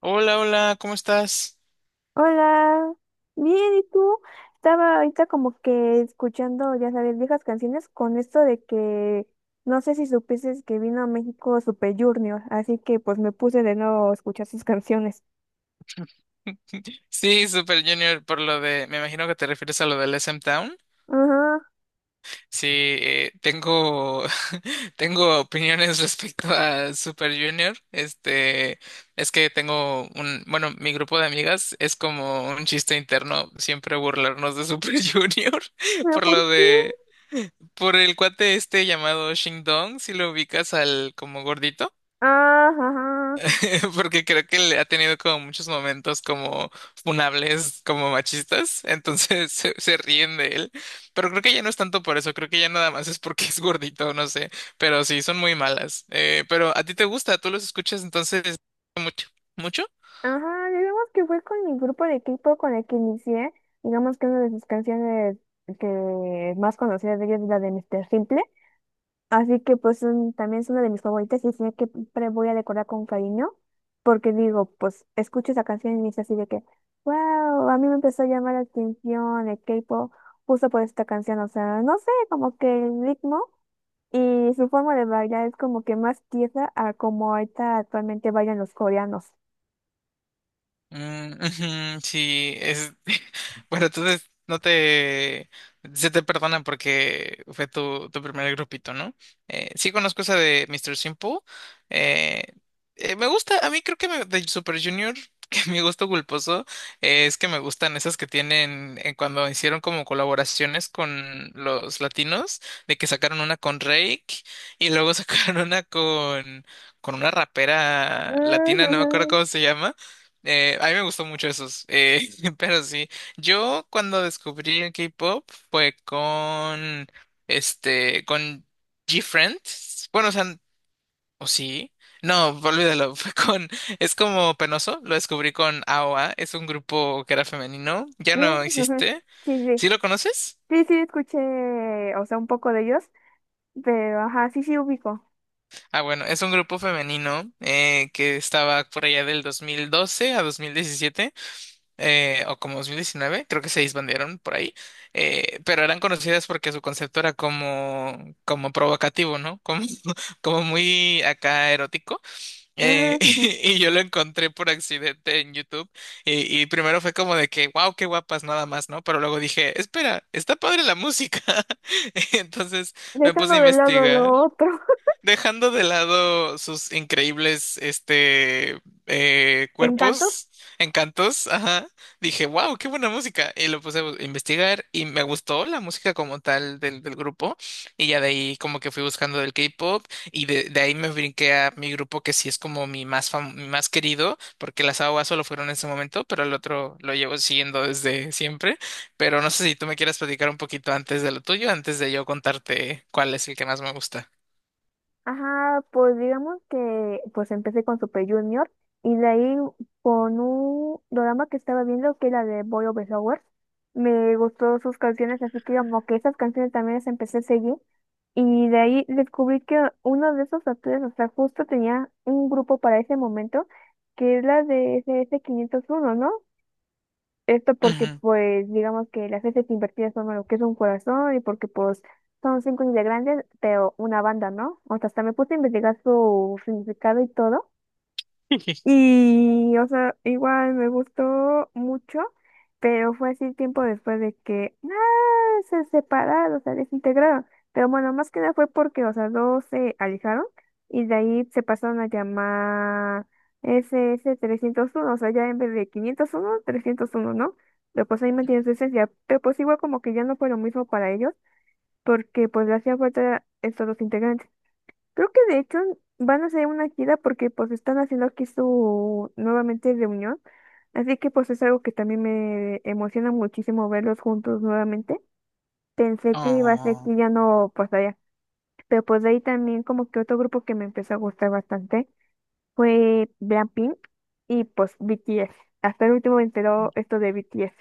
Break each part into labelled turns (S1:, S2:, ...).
S1: Hola, hola, ¿cómo estás?
S2: Hola, bien, ¿y tú? Estaba ahorita como que escuchando, ya sabes, viejas canciones con esto de que no sé si supiste que vino a México Super Junior, así que pues me puse de nuevo a escuchar sus canciones.
S1: Sí, Super Junior, por lo de, me imagino que te refieres a lo del SM Town.
S2: Ajá,
S1: Sí, tengo, tengo opiniones respecto a Super Junior. Es que tengo un, bueno, mi grupo de amigas es como un chiste interno siempre burlarnos de Super Junior
S2: ¿pero
S1: por
S2: por
S1: lo
S2: qué?
S1: de, por el cuate este llamado Shing Dong, si lo ubicas al como gordito.
S2: Ah, ajá,
S1: Porque creo que le ha tenido como muchos momentos como funables, como machistas, entonces se ríen de él, pero creo que ya no es tanto por eso, creo que ya nada más es porque es gordito, no sé, pero sí, son muy malas. Pero a ti te gusta, tú los escuchas entonces mucho, mucho.
S2: ajá, digamos que fue con mi grupo de equipo con el que inicié, digamos que una de sus canciones que más conocidas de ellos es la de Mr. Simple. Así que pues también es una de mis favoritas y sé que siempre voy a decorar con cariño porque digo, pues escucho esa canción y es así de que, wow, a mí me empezó a llamar la atención el K-pop justo por esta canción, o sea, no sé, como que el ritmo y su forma de bailar es como que más tiesa a como ahorita actualmente bailan los coreanos.
S1: Mm, ujú, sí, es bueno, entonces no te se te perdona porque fue tu primer grupito, ¿no? Sí conozco esa de Mister Simple. eh, Me gusta, a mí creo que me- de Super Junior, que mi gusto culposo es que me gustan esas que tienen cuando hicieron como colaboraciones con los latinos, de que sacaron una con Rake y luego sacaron una con una rapera latina, no me acuerdo
S2: Ujujú,
S1: cómo se llama. A mí me gustó mucho esos, pero sí, yo cuando descubrí el K-pop fue con G-Friends, bueno, o sea, o sí, no, olvídalo, fue con, es como penoso, lo descubrí con AOA, es un grupo que era femenino, ya no
S2: ujujú.
S1: existe.
S2: Sí, sí,
S1: ¿Sí lo conoces?
S2: sí, sí, escuché, o sea, un poco de ellos, pero ajá, sí, sí, ubico.
S1: Ah, bueno, es un grupo femenino que estaba por allá del 2012 a 2017, o como 2019 creo que se disbandieron por ahí. Pero eran conocidas porque su concepto era como, como provocativo, ¿no? Como, como muy acá erótico. eh,
S2: Ujú.
S1: y yo lo encontré por accidente en YouTube, y primero fue como de que, wow, qué guapas, nada más, ¿no? Pero luego dije, espera, está padre la música. Entonces me puse
S2: Dejando
S1: a
S2: de lado
S1: investigar.
S2: lo otro.
S1: Dejando de lado sus increíbles
S2: Encanto.
S1: cuerpos, encantos, ajá, dije, wow, qué buena música. Y lo puse a bu- investigar y me gustó la música como tal del, del grupo. Y ya de ahí como que fui buscando del K-pop y de ahí me brinqué a mi grupo que sí es como mi más fam- mi más querido, porque las AOA solo fueron en ese momento, pero el otro lo llevo siguiendo desde siempre. Pero no sé si tú me quieras platicar un poquito antes de lo tuyo, antes de yo contarte cuál es el que más me gusta.
S2: Ajá, pues digamos que pues empecé con Super Junior y de ahí con un drama que estaba viendo que era de Boy Over Flowers. Me gustó sus canciones, así que como que esas canciones también las empecé a seguir. Y de ahí descubrí que uno de esos actores, o sea, justo tenía un grupo para ese momento, que es la de SS501, ¿no? Esto porque, pues, digamos que las veces invertidas son lo que es un corazón y porque, pues, son 5 integrantes, pero una banda, ¿no? O sea, hasta me puse a investigar su significado y todo. Y, o sea, igual me gustó mucho, pero fue así tiempo después de que, ah, se separaron, o sea desintegraron. Pero bueno, más que nada fue porque, o sea, dos se alejaron y de ahí se pasaron a llamar SS301, o sea, ya en vez de 501, 301 ¿no? Pero pues ahí mantiene su esencia, pero pues igual como que ya no fue lo mismo para ellos, porque pues le hacía falta estos dos integrantes. Creo que de hecho van a hacer una gira porque pues están haciendo aquí su nuevamente reunión. Así que pues es algo que también me emociona muchísimo verlos juntos nuevamente. Pensé que iba a ser
S1: Oh,
S2: que ya no pasaría. Pero pues de ahí también como que otro grupo que me empezó a gustar bastante fue Blackpink y pues BTS. Hasta el último me enteró esto de BTS.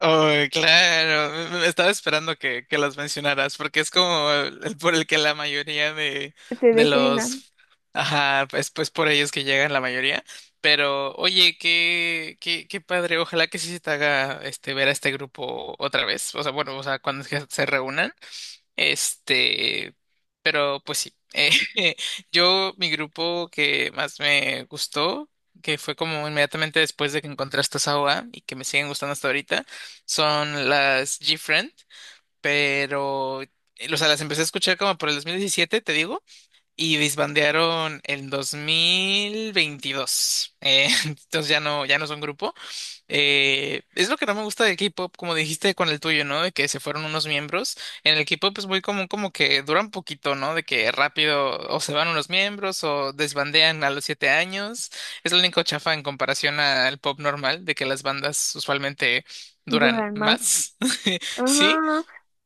S1: oh, claro, me estaba esperando que los mencionaras, porque es como el por el que la mayoría
S2: Se
S1: de
S2: ve que Lina,
S1: los, ajá, pues, pues por ellos que llegan la mayoría. Pero, oye, qué, qué, qué padre, ojalá que sí se te haga este ver a este grupo otra vez. O sea, bueno, o sea, cuando es que se reúnan. Este, pero pues sí. Yo, mi grupo que más me gustó, que fue como inmediatamente después de que encontré esta Sawa y que me siguen gustando hasta ahorita, son las G-Friend, pero, o sea, las empecé a escuchar como por el 2017 te digo, y disbandearon en 2022. Entonces ya no, ya no son grupo. Es lo que no me gusta del K-pop, como dijiste con el tuyo, ¿no? De que se fueron unos miembros. En el K-pop es muy común como que duran poquito, ¿no? De que rápido o se van unos miembros o desbandean a los 7 años. Es lo único chafa en comparación al pop normal, de que las bandas usualmente duran
S2: duran más.
S1: más. Sí,
S2: Ajá,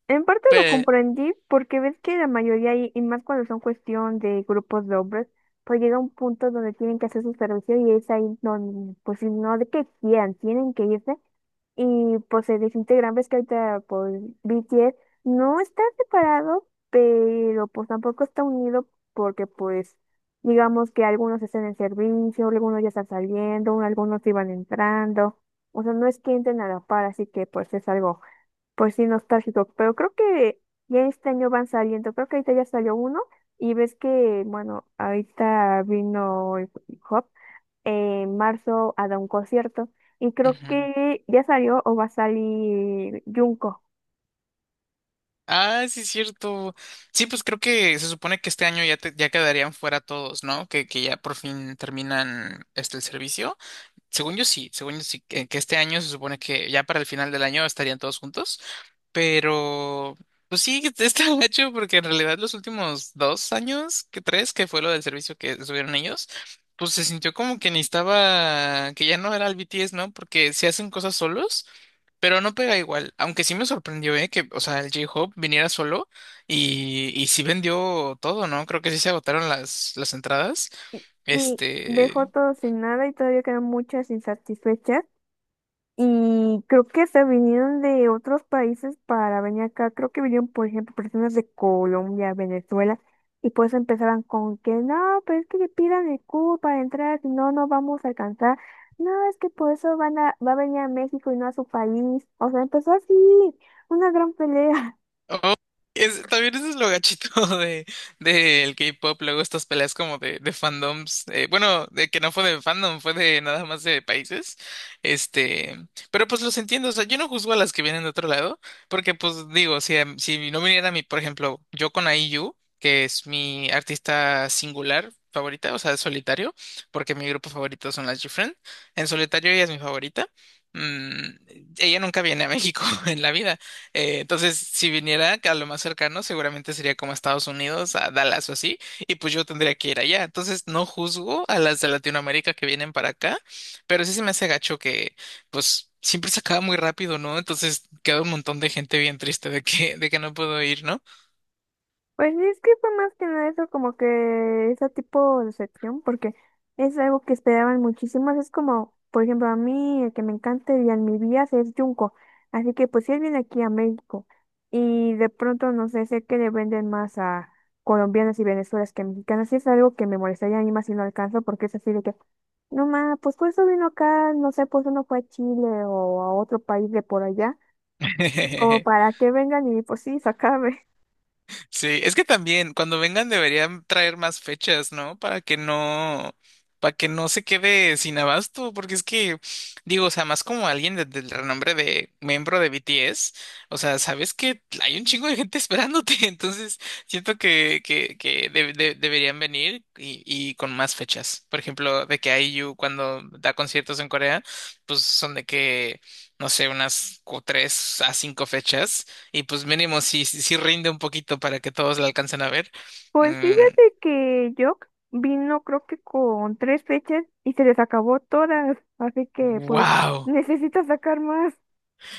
S2: en parte lo
S1: pero...
S2: comprendí porque ves que la mayoría, y más cuando son cuestión de grupos de hombres, pues llega un punto donde tienen que hacer su servicio y es ahí donde, pues si no de que quieran, tienen que irse y pues se desintegran. Ves que ahorita pues BTS no está separado, pero pues tampoco está unido porque pues digamos que algunos están en servicio, algunos ya están saliendo, algunos iban entrando, o sea, no es que entren a la par, así que pues es algo. Pues sí, nostálgico, pero creo que ya este año van saliendo, creo que ahorita ya salió uno y ves que, bueno, ahorita vino el hip hop en marzo a dar un concierto y creo
S1: Ujú.
S2: que ya salió o va a salir Junko.
S1: Ah, sí, es cierto. Sí, pues creo que se supone que este año ya, te- ya quedarían fuera todos, ¿no? Que ya por fin terminan este el servicio. Según yo sí, que este año se supone que ya para el final del año estarían todos juntos, pero pues sí, está hecho porque en realidad los últimos dos años, que tres, que fue lo del servicio que subieron ellos, pues se sintió como que necesitaba, que ya no era el BTS, ¿no? Porque se hacen cosas solos, pero no pega igual, aunque sí me sorprendió, ¿eh? Que, o sea, el J-Hope viniera solo y sí vendió todo, ¿no? Creo que sí se agotaron las entradas.
S2: Sí, de
S1: Este,
S2: fotos sin nada y todavía quedan muchas insatisfechas. Y creo que se vinieron de otros países para venir acá. Creo que vinieron, por ejemplo, personas de Colombia, Venezuela, y pues empezaron con que no, pero es que le pidan el cubo para entrar, si no, no vamos a alcanzar. No, es que por eso va a venir a México y no a su país. O sea, empezó así, una gran pelea.
S1: Oh, es, también ese es lo gachito de del K-pop, luego estas peleas como de fandoms, bueno, de que no fue de fandom, fue de nada más de países. este, pero pues los entiendo, o sea, yo no juzgo a las que vienen de otro lado, porque pues digo, si, a- si no viniera mi, por ejemplo, yo con IU, que es mi artista singular favorita, o sea, solitario, porque mi grupo favorito son las GFriend, en solitario ella es mi favorita, mm, ella nunca viene a México en la vida. Entonces, si viniera a lo más cercano, seguramente sería como a Estados Unidos, a Dallas o así, y pues yo tendría que ir allá. Entonces, no juzgo a las de Latinoamérica que vienen para acá, pero sí se me hace gacho que, pues, siempre se acaba muy rápido, ¿no? Entonces, queda un montón de gente bien triste de que no puedo ir, ¿no?
S2: Pues sí, es que fue más que nada eso, como que ese tipo de sección, porque es algo que esperaban muchísimas. Es como, por ejemplo, a mí, el que me encanta y en mi vida es Junko. Así que, pues, si él viene aquí a México y de pronto, no sé, sé que le venden más a colombianas y venezolanas que a mexicanas, y es algo que me molestaría a mí más si no alcanzo, porque es así de que, no ma, pues por eso vino acá, no sé, pues uno fue a Chile o a otro país de por allá, como para que vengan y pues sí, se acabe.
S1: Sí, es que también cuando vengan deberían traer más fechas, ¿no? Para que no, para que no se quede sin abasto, porque es que, digo, o sea, más como alguien de- del renombre de miembro de BTS, o sea, sabes que hay un chingo de gente esperándote, entonces siento que de- deberían venir y con más fechas. Por ejemplo, de que IU cuando da conciertos en Corea, pues son de que, no sé, unas cu- tres a cinco fechas y pues mínimo, si, si, si rinde un poquito para que todos la alcancen a ver.
S2: Pues
S1: Mm,
S2: fíjate que Jock vino creo que con 3 fechas y se les acabó todas, así que pues
S1: wow.
S2: necesita sacar más.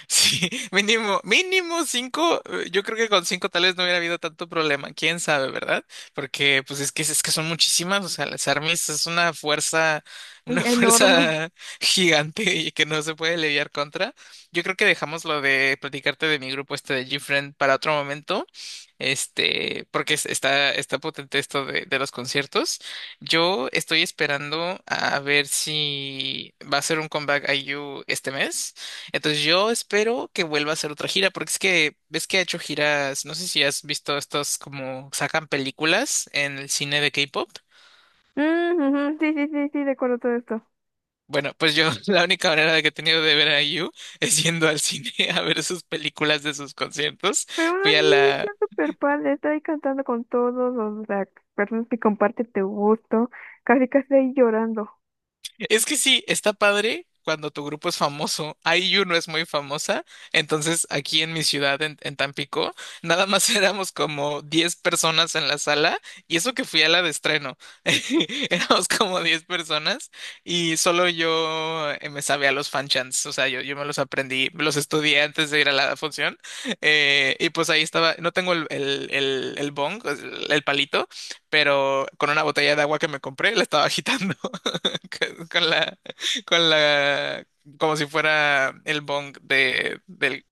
S1: Sí, mínimo, mínimo cinco. Yo creo que con cinco tal vez no hubiera habido tanto problema. Quién sabe, ¿verdad? Porque pues es que son muchísimas. O sea, las armies es una fuerza, una
S2: Enorme.
S1: fuerza gigante y que no se puede lidiar contra. Yo creo que dejamos lo de platicarte de mi grupo este de GFriend para otro momento. Porque es- está, está potente esto de los conciertos. Yo estoy esperando a ver si va a ser un comeback IU este mes. Entonces yo espero que vuelva a hacer otra gira, porque es que ves que ha hecho giras, no sé si has visto estos como sacan películas en el cine de K-pop.
S2: Mm, ujú, sí, sí, sí, sí, recuerdo todo esto.
S1: Bueno, pues yo la única manera de que he tenido de ver a IU es yendo al cine a ver sus películas de sus conciertos.
S2: Pero aún
S1: Fui a
S2: así
S1: la
S2: está súper padre, está ahí cantando con todos las personas que comparte tu gusto, casi casi ahí llorando.
S1: Es que sí, está padre cuando tu grupo es famoso. IU no es muy famosa, entonces aquí en mi ciudad, en Tampico, nada más éramos como 10 personas en la sala, y eso que fui a la de estreno, éramos como 10 personas y solo yo me sabía los fan chants, o sea, yo me los aprendí, me los estudié antes de ir a la función, y pues ahí estaba, no tengo el bong, el palito, pero con una botella de agua que me compré, la estaba agitando. Con la, con la, como si fuera el bong de, del,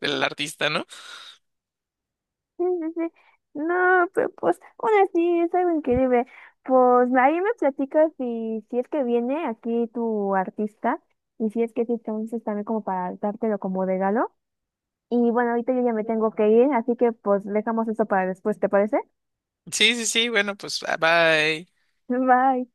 S1: del artista, ¿no?
S2: Sí, sí, sí. No, pero pues aún así es algo increíble. Pues ahí me platicas si es que viene aquí tu artista y si es que sí, entonces también como para dártelo como regalo. Y bueno, ahorita yo ya me tengo que ir, así que pues dejamos eso para después, ¿te parece?
S1: Sí, sí, sí, bueno, pues ah, bye.
S2: Bye.